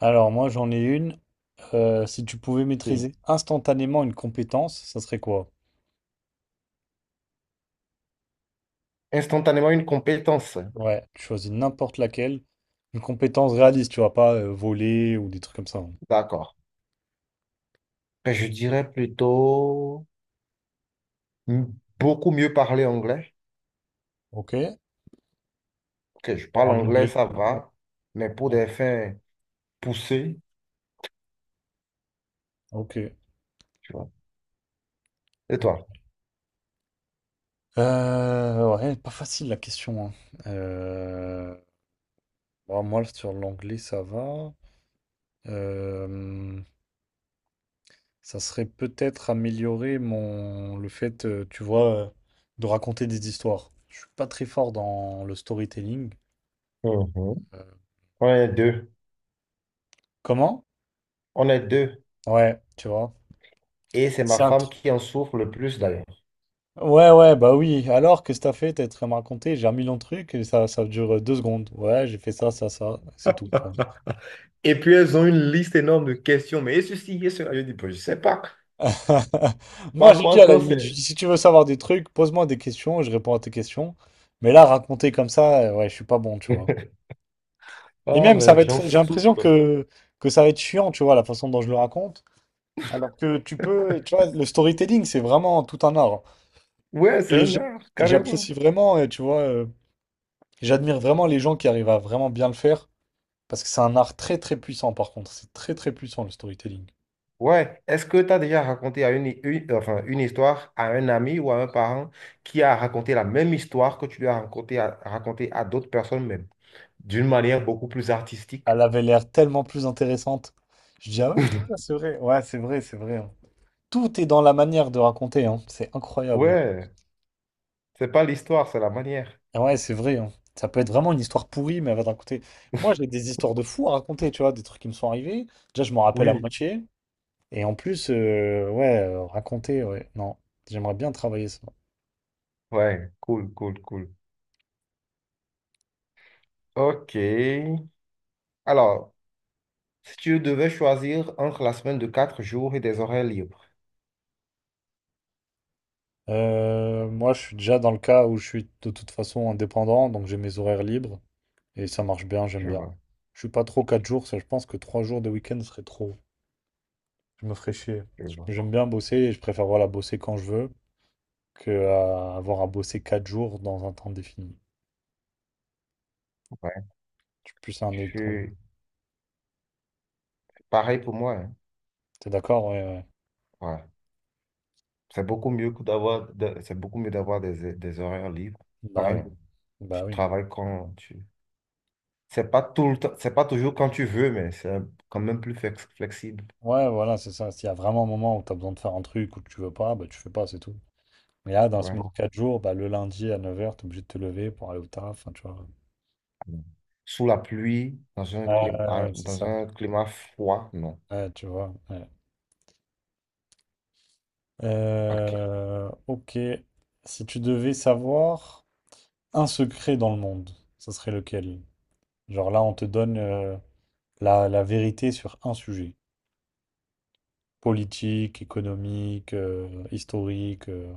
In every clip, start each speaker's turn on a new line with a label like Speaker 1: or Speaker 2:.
Speaker 1: Alors moi j'en ai une. Si tu pouvais
Speaker 2: Oui.
Speaker 1: maîtriser instantanément une compétence, ça serait quoi?
Speaker 2: Instantanément une compétence.
Speaker 1: Ouais, tu choisis n'importe laquelle. Une compétence réaliste, tu vois, pas voler ou des trucs comme ça, hein.
Speaker 2: D'accord. Ben, je dirais plutôt m- beaucoup mieux parler anglais.
Speaker 1: Ok.
Speaker 2: Ok, je parle
Speaker 1: En
Speaker 2: anglais,
Speaker 1: anglais.
Speaker 2: ça va, mais pour des fins poussées,
Speaker 1: Ok.
Speaker 2: tu vois. Et
Speaker 1: Ok.
Speaker 2: toi?
Speaker 1: Ouais, pas facile la question, hein. Euh, bon, moi sur l'anglais ça va. Euh, Ça serait peut-être améliorer mon le fait, tu vois, de raconter des histoires. Je suis pas très fort dans le storytelling.
Speaker 2: Mhm.
Speaker 1: Euh,
Speaker 2: On est deux.
Speaker 1: Comment?
Speaker 2: On est deux.
Speaker 1: Ouais, tu vois.
Speaker 2: Et c'est ma
Speaker 1: C'est un
Speaker 2: femme
Speaker 1: truc.
Speaker 2: qui en souffre le plus d'ailleurs.
Speaker 1: Ouais, ouais, bah oui. Alors, qu'est-ce que t'as fait? T'as très me raconter. J'ai un million de trucs et ça dure deux secondes. Ouais, j'ai fait ça, ça, ça. C'est tout. Je
Speaker 2: Et puis elles ont une liste énorme de questions, mais et ceci, et cela, je dis, ben, je sais pas.
Speaker 1: Moi, j'ai dit
Speaker 2: Parfois,
Speaker 1: à la
Speaker 2: quand
Speaker 1: limite, j'ai
Speaker 2: c'est...
Speaker 1: dit, si tu veux savoir des trucs, pose-moi des questions, je réponds à tes questions. Mais là, raconter comme ça, ouais, je suis pas bon, tu vois. Et
Speaker 2: Ah,
Speaker 1: même, ça
Speaker 2: mais
Speaker 1: va
Speaker 2: j'en
Speaker 1: être, j'ai l'impression
Speaker 2: souffre.
Speaker 1: que, ça va être chiant, tu vois, la façon dont je le raconte. Alors que tu peux, tu vois, le storytelling, c'est vraiment tout un art.
Speaker 2: Ouais, c'est
Speaker 1: Et
Speaker 2: un
Speaker 1: j'a-
Speaker 2: art,
Speaker 1: et j'apprécie
Speaker 2: carrément.
Speaker 1: vraiment, et tu vois, j'admire vraiment les gens qui arrivent à vraiment bien le faire. Parce que c'est un art très très puissant, par contre. C'est très très puissant, le storytelling.
Speaker 2: Ouais, est-ce que tu as déjà raconté à enfin, une histoire à un ami ou à un parent qui a raconté la même histoire que tu lui as raconté à d'autres personnes, mais d'une manière beaucoup plus artistique?
Speaker 1: Elle avait l'air tellement plus intéressante. Je dis, ah ouais, putain, c'est vrai. Ouais, c'est vrai, c'est vrai, hein. Tout est dans la manière de raconter, hein. C'est incroyable.
Speaker 2: Ouais, c'est pas l'histoire, c'est la manière.
Speaker 1: Ah ouais, c'est vrai, hein. Ça peut être vraiment une histoire pourrie, mais elle va te raconter. Moi, j'ai des histoires de fous à raconter, tu vois, des trucs qui me sont arrivés. Déjà, je m'en rappelle à
Speaker 2: Oui,
Speaker 1: moitié. Et en plus, ouais, raconter, ouais. Non, j'aimerais bien travailler ça.
Speaker 2: ouais, cool, cool, cool. Ok. Alors, si tu devais choisir entre la semaine de 4 jours et des horaires libres,
Speaker 1: Moi, je suis déjà dans le cas où je suis de toute façon indépendant, donc j'ai mes horaires libres. Et ça marche bien, j'aime
Speaker 2: je
Speaker 1: bien.
Speaker 2: vois,
Speaker 1: Je suis pas trop 4 jours, ça, je pense que 3 jours de week-end serait trop. Je me ferais chier.
Speaker 2: je vois.
Speaker 1: J'aime bien bosser et je préfère voilà, bosser quand je veux que à avoir à bosser 4 jours dans un temps défini.
Speaker 2: Ouais,
Speaker 1: Je suis plus un
Speaker 2: je
Speaker 1: électron.
Speaker 2: suis pareil pour moi, hein.
Speaker 1: T'es d'accord? Ouais, ouais.
Speaker 2: Ouais. C'est beaucoup mieux que c'est beaucoup mieux d'avoir des horaires libres.
Speaker 1: Bah oui,
Speaker 2: Enfin, tu
Speaker 1: bah oui.
Speaker 2: travailles quand tu. C'est pas tout le temps, c'est pas toujours quand tu veux, mais c'est quand même plus flexible.
Speaker 1: Ouais, voilà, c'est ça. S'il y a vraiment un moment où tu as besoin de faire un truc ou que tu veux pas, bah tu fais pas, c'est tout. Mais là, dans la
Speaker 2: Ouais.
Speaker 1: semaine de 4 jours, bah, le lundi à neuf heures t'es obligé de te lever pour aller au taf, enfin, tu vois.
Speaker 2: Sous la pluie,
Speaker 1: Ouais, ouais, ouais, c'est
Speaker 2: dans
Speaker 1: ça.
Speaker 2: un climat froid, non.
Speaker 1: Ouais, tu vois, ouais.
Speaker 2: Ok.
Speaker 1: Ok. Si tu devais savoir un secret dans le monde, ce serait lequel? Genre là, on te donne la vérité sur un sujet. Politique, économique, historique.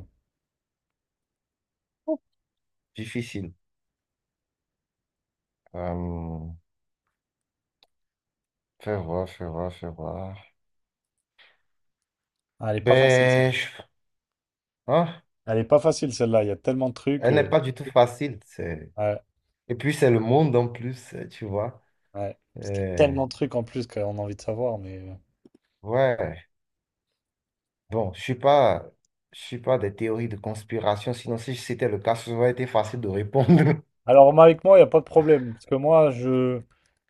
Speaker 2: Difficile. Euh, fais voir, fais voir, fais voir.
Speaker 1: Ah, elle est pas facile,
Speaker 2: Ben,
Speaker 1: celle-là.
Speaker 2: je- hein,
Speaker 1: Elle est pas facile, celle-là. Il y a tellement de trucs.
Speaker 2: elle n'est pas du tout facile.
Speaker 1: Ouais,
Speaker 2: Et puis, c'est le monde en plus, tu vois.
Speaker 1: ouais. Parce qu'il y a
Speaker 2: Euh,
Speaker 1: tellement de trucs en plus qu'on a envie de savoir, mais...
Speaker 2: ouais. Bon, je suis pas des théories de conspiration, sinon si c'était le cas, ça aurait été facile de répondre.
Speaker 1: Alors, moi, avec moi, il n'y a pas de problème. Parce que moi, je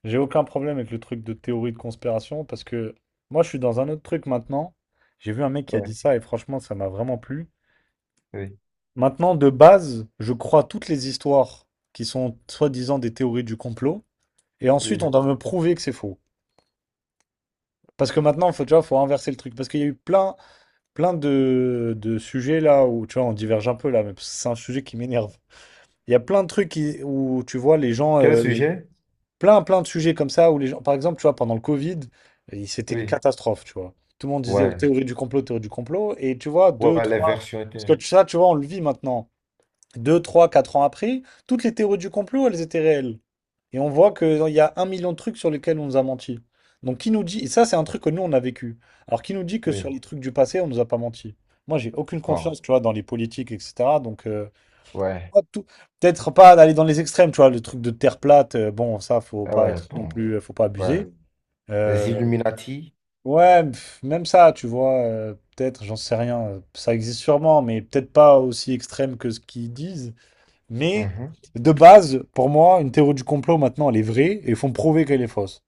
Speaker 1: j'ai aucun problème avec le truc de théorie de conspiration. Parce que moi, je suis dans un autre truc maintenant. J'ai vu un mec qui a dit
Speaker 2: Ouais,
Speaker 1: ça et franchement, ça m'a vraiment plu.
Speaker 2: oui,
Speaker 1: Maintenant, de base, je crois toutes les histoires qui sont soi-disant des théories du complot. Et ensuite, on
Speaker 2: oui.
Speaker 1: doit me prouver que c'est faux. Parce que maintenant, faut, tu vois, faut inverser le truc. Parce qu'il y a eu plein, plein de sujets là où, tu vois, on diverge un peu là, mais c'est un sujet qui m'énerve. Il y a plein de trucs où, tu vois, les gens.
Speaker 2: Quel sujet?
Speaker 1: Plein, plein de sujets comme ça où les gens, par exemple, tu vois, pendant le Covid, c'était une
Speaker 2: Oui,
Speaker 1: catastrophe, tu vois. Tout le monde disait oh,
Speaker 2: ouais,
Speaker 1: théorie du complot, théorie du complot. Et tu vois,
Speaker 2: ouais,
Speaker 1: deux,
Speaker 2: ouais, les
Speaker 1: trois,
Speaker 2: versions
Speaker 1: parce que
Speaker 2: étaient.
Speaker 1: ça, tu vois, on le vit maintenant. Deux, trois, quatre ans après, toutes les théories du complot, elles étaient réelles. Et on voit qu'il y a un million de trucs sur lesquels on nous a menti. Donc, qui nous dit, et ça, c'est un truc que nous, on a vécu. Alors, qui nous dit que sur
Speaker 2: Oui,
Speaker 1: les trucs du passé, on nous a pas menti? Moi, j'ai aucune
Speaker 2: bon,
Speaker 1: confiance, tu vois, dans les politiques, etc. Donc,
Speaker 2: ouais,
Speaker 1: pas tout- peut-être pas d'aller dans les extrêmes, tu vois, le truc de terre plate, bon, ça, faut
Speaker 2: ah
Speaker 1: pas
Speaker 2: ouais,
Speaker 1: être non
Speaker 2: bon,
Speaker 1: plus, faut pas
Speaker 2: ouais.
Speaker 1: abuser.
Speaker 2: Les
Speaker 1: Euh,
Speaker 2: Illuminati?
Speaker 1: ouais, pff, même ça, tu vois, peut-être, j'en sais rien, ça existe sûrement, mais peut-être pas aussi extrême que ce qu'ils disent. Mais
Speaker 2: Mhm.
Speaker 1: de base, pour moi, une théorie du complot maintenant, elle est vraie et ils font prouver qu'elle est fausse.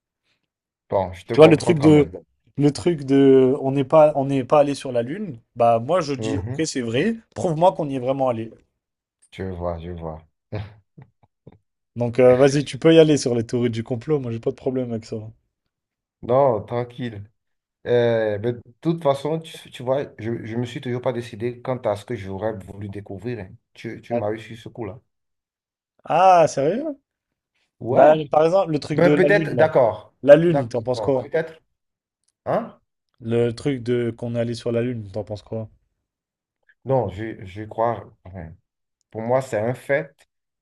Speaker 2: Bon, je te
Speaker 1: Tu vois, le
Speaker 2: comprends
Speaker 1: truc
Speaker 2: quand
Speaker 1: de,
Speaker 2: même.
Speaker 1: le truc de, on n'est pas allé sur la Lune, bah moi je dis, ok,
Speaker 2: Mhm.
Speaker 1: c'est vrai, prouve-moi qu'on y est vraiment allé.
Speaker 2: Je vois, je vois.
Speaker 1: Donc vas-y, tu peux y aller sur les théories du complot, moi j'ai pas de problème avec ça.
Speaker 2: Non, tranquille. Mais de toute façon, tu vois, je ne me suis toujours pas décidé quant à ce que j'aurais voulu découvrir, hein. Tu
Speaker 1: Ah,
Speaker 2: m'as eu sur ce coup-là.
Speaker 1: ah, sérieux? Bah
Speaker 2: Ouais.
Speaker 1: par exemple, le truc de
Speaker 2: Ben,
Speaker 1: la
Speaker 2: peut-être,
Speaker 1: Lune là.
Speaker 2: d'accord.
Speaker 1: La Lune, t'en penses
Speaker 2: D'accord.
Speaker 1: quoi?
Speaker 2: Peut-être. Hein?
Speaker 1: Le truc de qu'on est allé sur la Lune, t'en penses quoi?
Speaker 2: Non, je crois, enfin, pour moi, c'est un fait.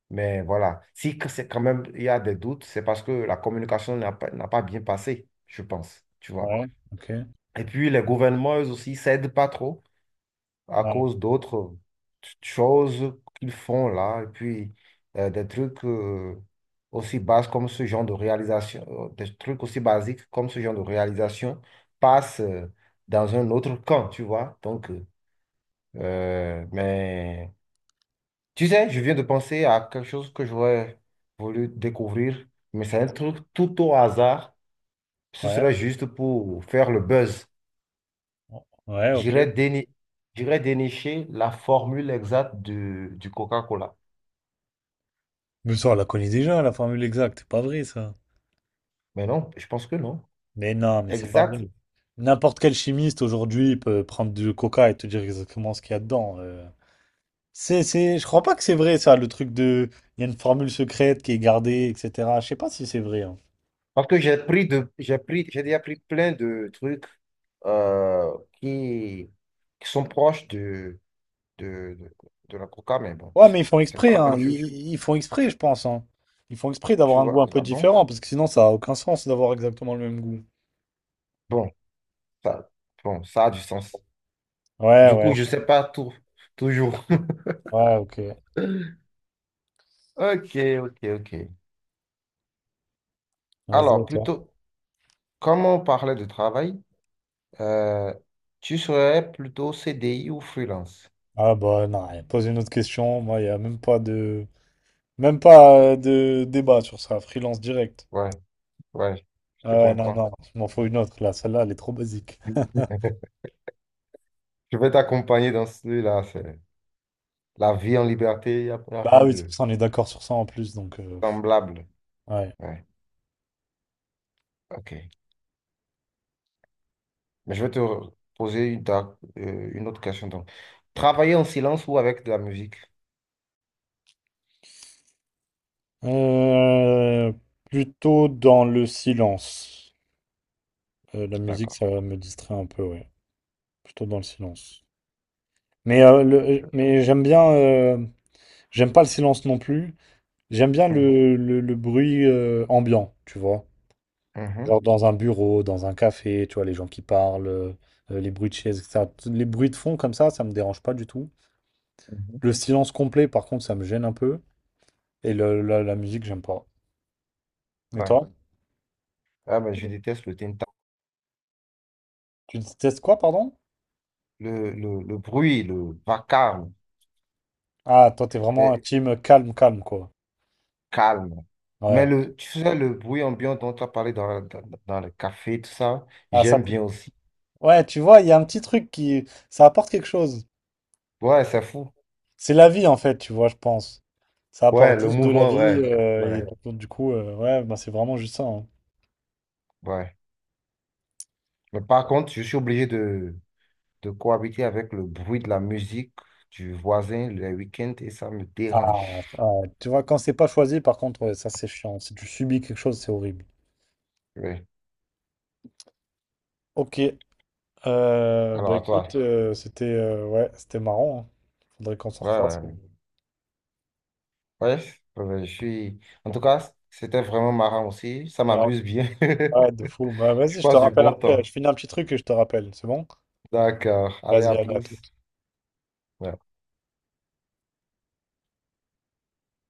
Speaker 2: Mais voilà. Si que c'est quand même il y a des doutes, c'est parce que la communication n'a pas bien passé, je pense. Tu vois.
Speaker 1: Ouais, ok.
Speaker 2: Et puis les gouvernements, eux aussi, s'aident pas trop, à
Speaker 1: Ah,
Speaker 2: cause d'autres choses qu'ils font là, et puis des trucs, aussi bas comme ce genre de réalisation, des trucs aussi basiques comme ce genre de réalisation passent dans un autre camp, tu vois. Donc, mais tu sais, je viens de penser à quelque chose que j'aurais voulu découvrir, mais c'est un truc tout au hasard. Ce
Speaker 1: ouais,
Speaker 2: serait juste pour faire le buzz.
Speaker 1: ouais, ok.
Speaker 2: J'irais déni- j'irais dénicher la formule exacte du Coca-Cola.
Speaker 1: Mais ça, on la connaît déjà, la formule exacte, c'est pas vrai ça.
Speaker 2: Mais non, je pense que non.
Speaker 1: Mais non, mais c'est pas
Speaker 2: Exact.
Speaker 1: vrai. N'importe quel chimiste aujourd'hui peut prendre du coca et te dire exactement ce qu'il y a dedans. C'est, je crois pas que c'est vrai ça, le truc de, il y a une formule secrète qui est gardée, etc. Je sais pas si c'est vrai, hein.
Speaker 2: Parce que j'ai déjà pris plein de trucs euh, qui, qui sont proches de, de, de la coca, mais bon,
Speaker 1: Ouais, mais ils font
Speaker 2: c'est pas
Speaker 1: exprès,
Speaker 2: la même
Speaker 1: hein.
Speaker 2: chose.
Speaker 1: Ils font exprès, je pense, hein. Ils font exprès d'avoir
Speaker 2: Tu
Speaker 1: un goût
Speaker 2: vois?
Speaker 1: un peu
Speaker 2: Ah bon?
Speaker 1: différent, parce que sinon, ça a aucun sens d'avoir exactement le même goût.
Speaker 2: Bon, ça, bon, ça a du sens.
Speaker 1: Ouais,
Speaker 2: Du
Speaker 1: ouais,
Speaker 2: coup, je sais pas tout, toujours.
Speaker 1: ouais, ok.
Speaker 2: Ok, ok, ok.
Speaker 1: Vas-y, à
Speaker 2: Alors,
Speaker 1: toi.
Speaker 2: plutôt, comme on parlait de travail, euh, tu serais plutôt CDI ou freelance?
Speaker 1: Ah bah non, allez, pose une autre question. Moi, il n'y a même pas de débat sur ça. Freelance direct.
Speaker 2: Ouais, ouais, je te
Speaker 1: Ah ouais, non,
Speaker 2: comprends.
Speaker 1: non, il m'en faut une autre là. Celle-là, elle est trop basique.
Speaker 2: Je vais t'accompagner dans celui-là. C'est la vie en liberté, y a rien
Speaker 1: Bah oui, c'est
Speaker 2: de
Speaker 1: pour ça on est d'accord sur ça en plus, donc pff,
Speaker 2: semblable.
Speaker 1: ouais.
Speaker 2: Ouais, ok. Mais je vais te poser une autre question. Donc, travailler en silence ou avec de la musique?
Speaker 1: Euh, Plutôt dans le silence. La musique,
Speaker 2: D'accord.
Speaker 1: ça me distrait un peu, ouais. Plutôt dans le silence. Mais,
Speaker 2: Je-
Speaker 1: mais j'aime bien, j'aime pas le silence non plus. J'aime bien
Speaker 2: Mhm,
Speaker 1: le bruit ambiant, tu vois. Genre
Speaker 2: mhm,
Speaker 1: dans un bureau, dans un café, tu vois, les gens qui parlent, les bruits de chaises, etc. Les bruits de fond comme ça me dérange pas du tout.
Speaker 2: mhm.
Speaker 1: Le silence complet, par contre, ça me gêne un peu. Et la musique, j'aime pas. Et
Speaker 2: Ouais.
Speaker 1: toi?
Speaker 2: Ah, mais je déteste le tinta.
Speaker 1: Tu détestes quoi, pardon?
Speaker 2: Le bruit, le vacarme,
Speaker 1: Ah, toi, t'es vraiment un
Speaker 2: mais
Speaker 1: team calme, calme, quoi.
Speaker 2: calme. Mais
Speaker 1: Ouais.
Speaker 2: le, tu sais, le bruit ambiant dont tu as parlé dans le café, tout ça,
Speaker 1: Ah, ça,
Speaker 2: j'aime bien aussi.
Speaker 1: ouais, tu vois, il y a un petit truc qui. Ça apporte quelque chose.
Speaker 2: Ouais, c'est fou.
Speaker 1: C'est la vie en fait, tu vois, je pense. Ça
Speaker 2: Ouais,
Speaker 1: apporte
Speaker 2: le
Speaker 1: juste de la
Speaker 2: mouvement,
Speaker 1: vie
Speaker 2: ouais.
Speaker 1: et
Speaker 2: Ouais.
Speaker 1: ouais. Du coup, ouais, bah, c'est vraiment juste ça, hein.
Speaker 2: Ouais. Mais par contre, je suis obligé de cohabiter avec le bruit de la musique du voisin le week-end et ça me
Speaker 1: Ah,
Speaker 2: dérange.
Speaker 1: ah, tu vois, quand c'est pas choisi, par contre, ouais, ça c'est chiant. Si tu subis quelque chose, c'est horrible.
Speaker 2: Ouais.
Speaker 1: Ok,
Speaker 2: Alors
Speaker 1: bah
Speaker 2: à
Speaker 1: écoute,
Speaker 2: toi.
Speaker 1: c'était ouais, c'était marrant, hein. Faudrait qu'on se
Speaker 2: Ouais, ouais,
Speaker 1: refasse.
Speaker 2: ouais. Ouais, je suis... En tout cas, c'était vraiment marrant aussi. Ça
Speaker 1: Alors,
Speaker 2: m'amuse bien.
Speaker 1: ouais, de fou. Bah
Speaker 2: Je
Speaker 1: vas-y, je te
Speaker 2: passe du
Speaker 1: rappelle
Speaker 2: bon
Speaker 1: après. Je
Speaker 2: temps.
Speaker 1: finis un petit truc et je te rappelle. C'est bon?
Speaker 2: D'accord. Allez,
Speaker 1: Vas-y,
Speaker 2: à
Speaker 1: allez, à tout.
Speaker 2: plus. Ouais.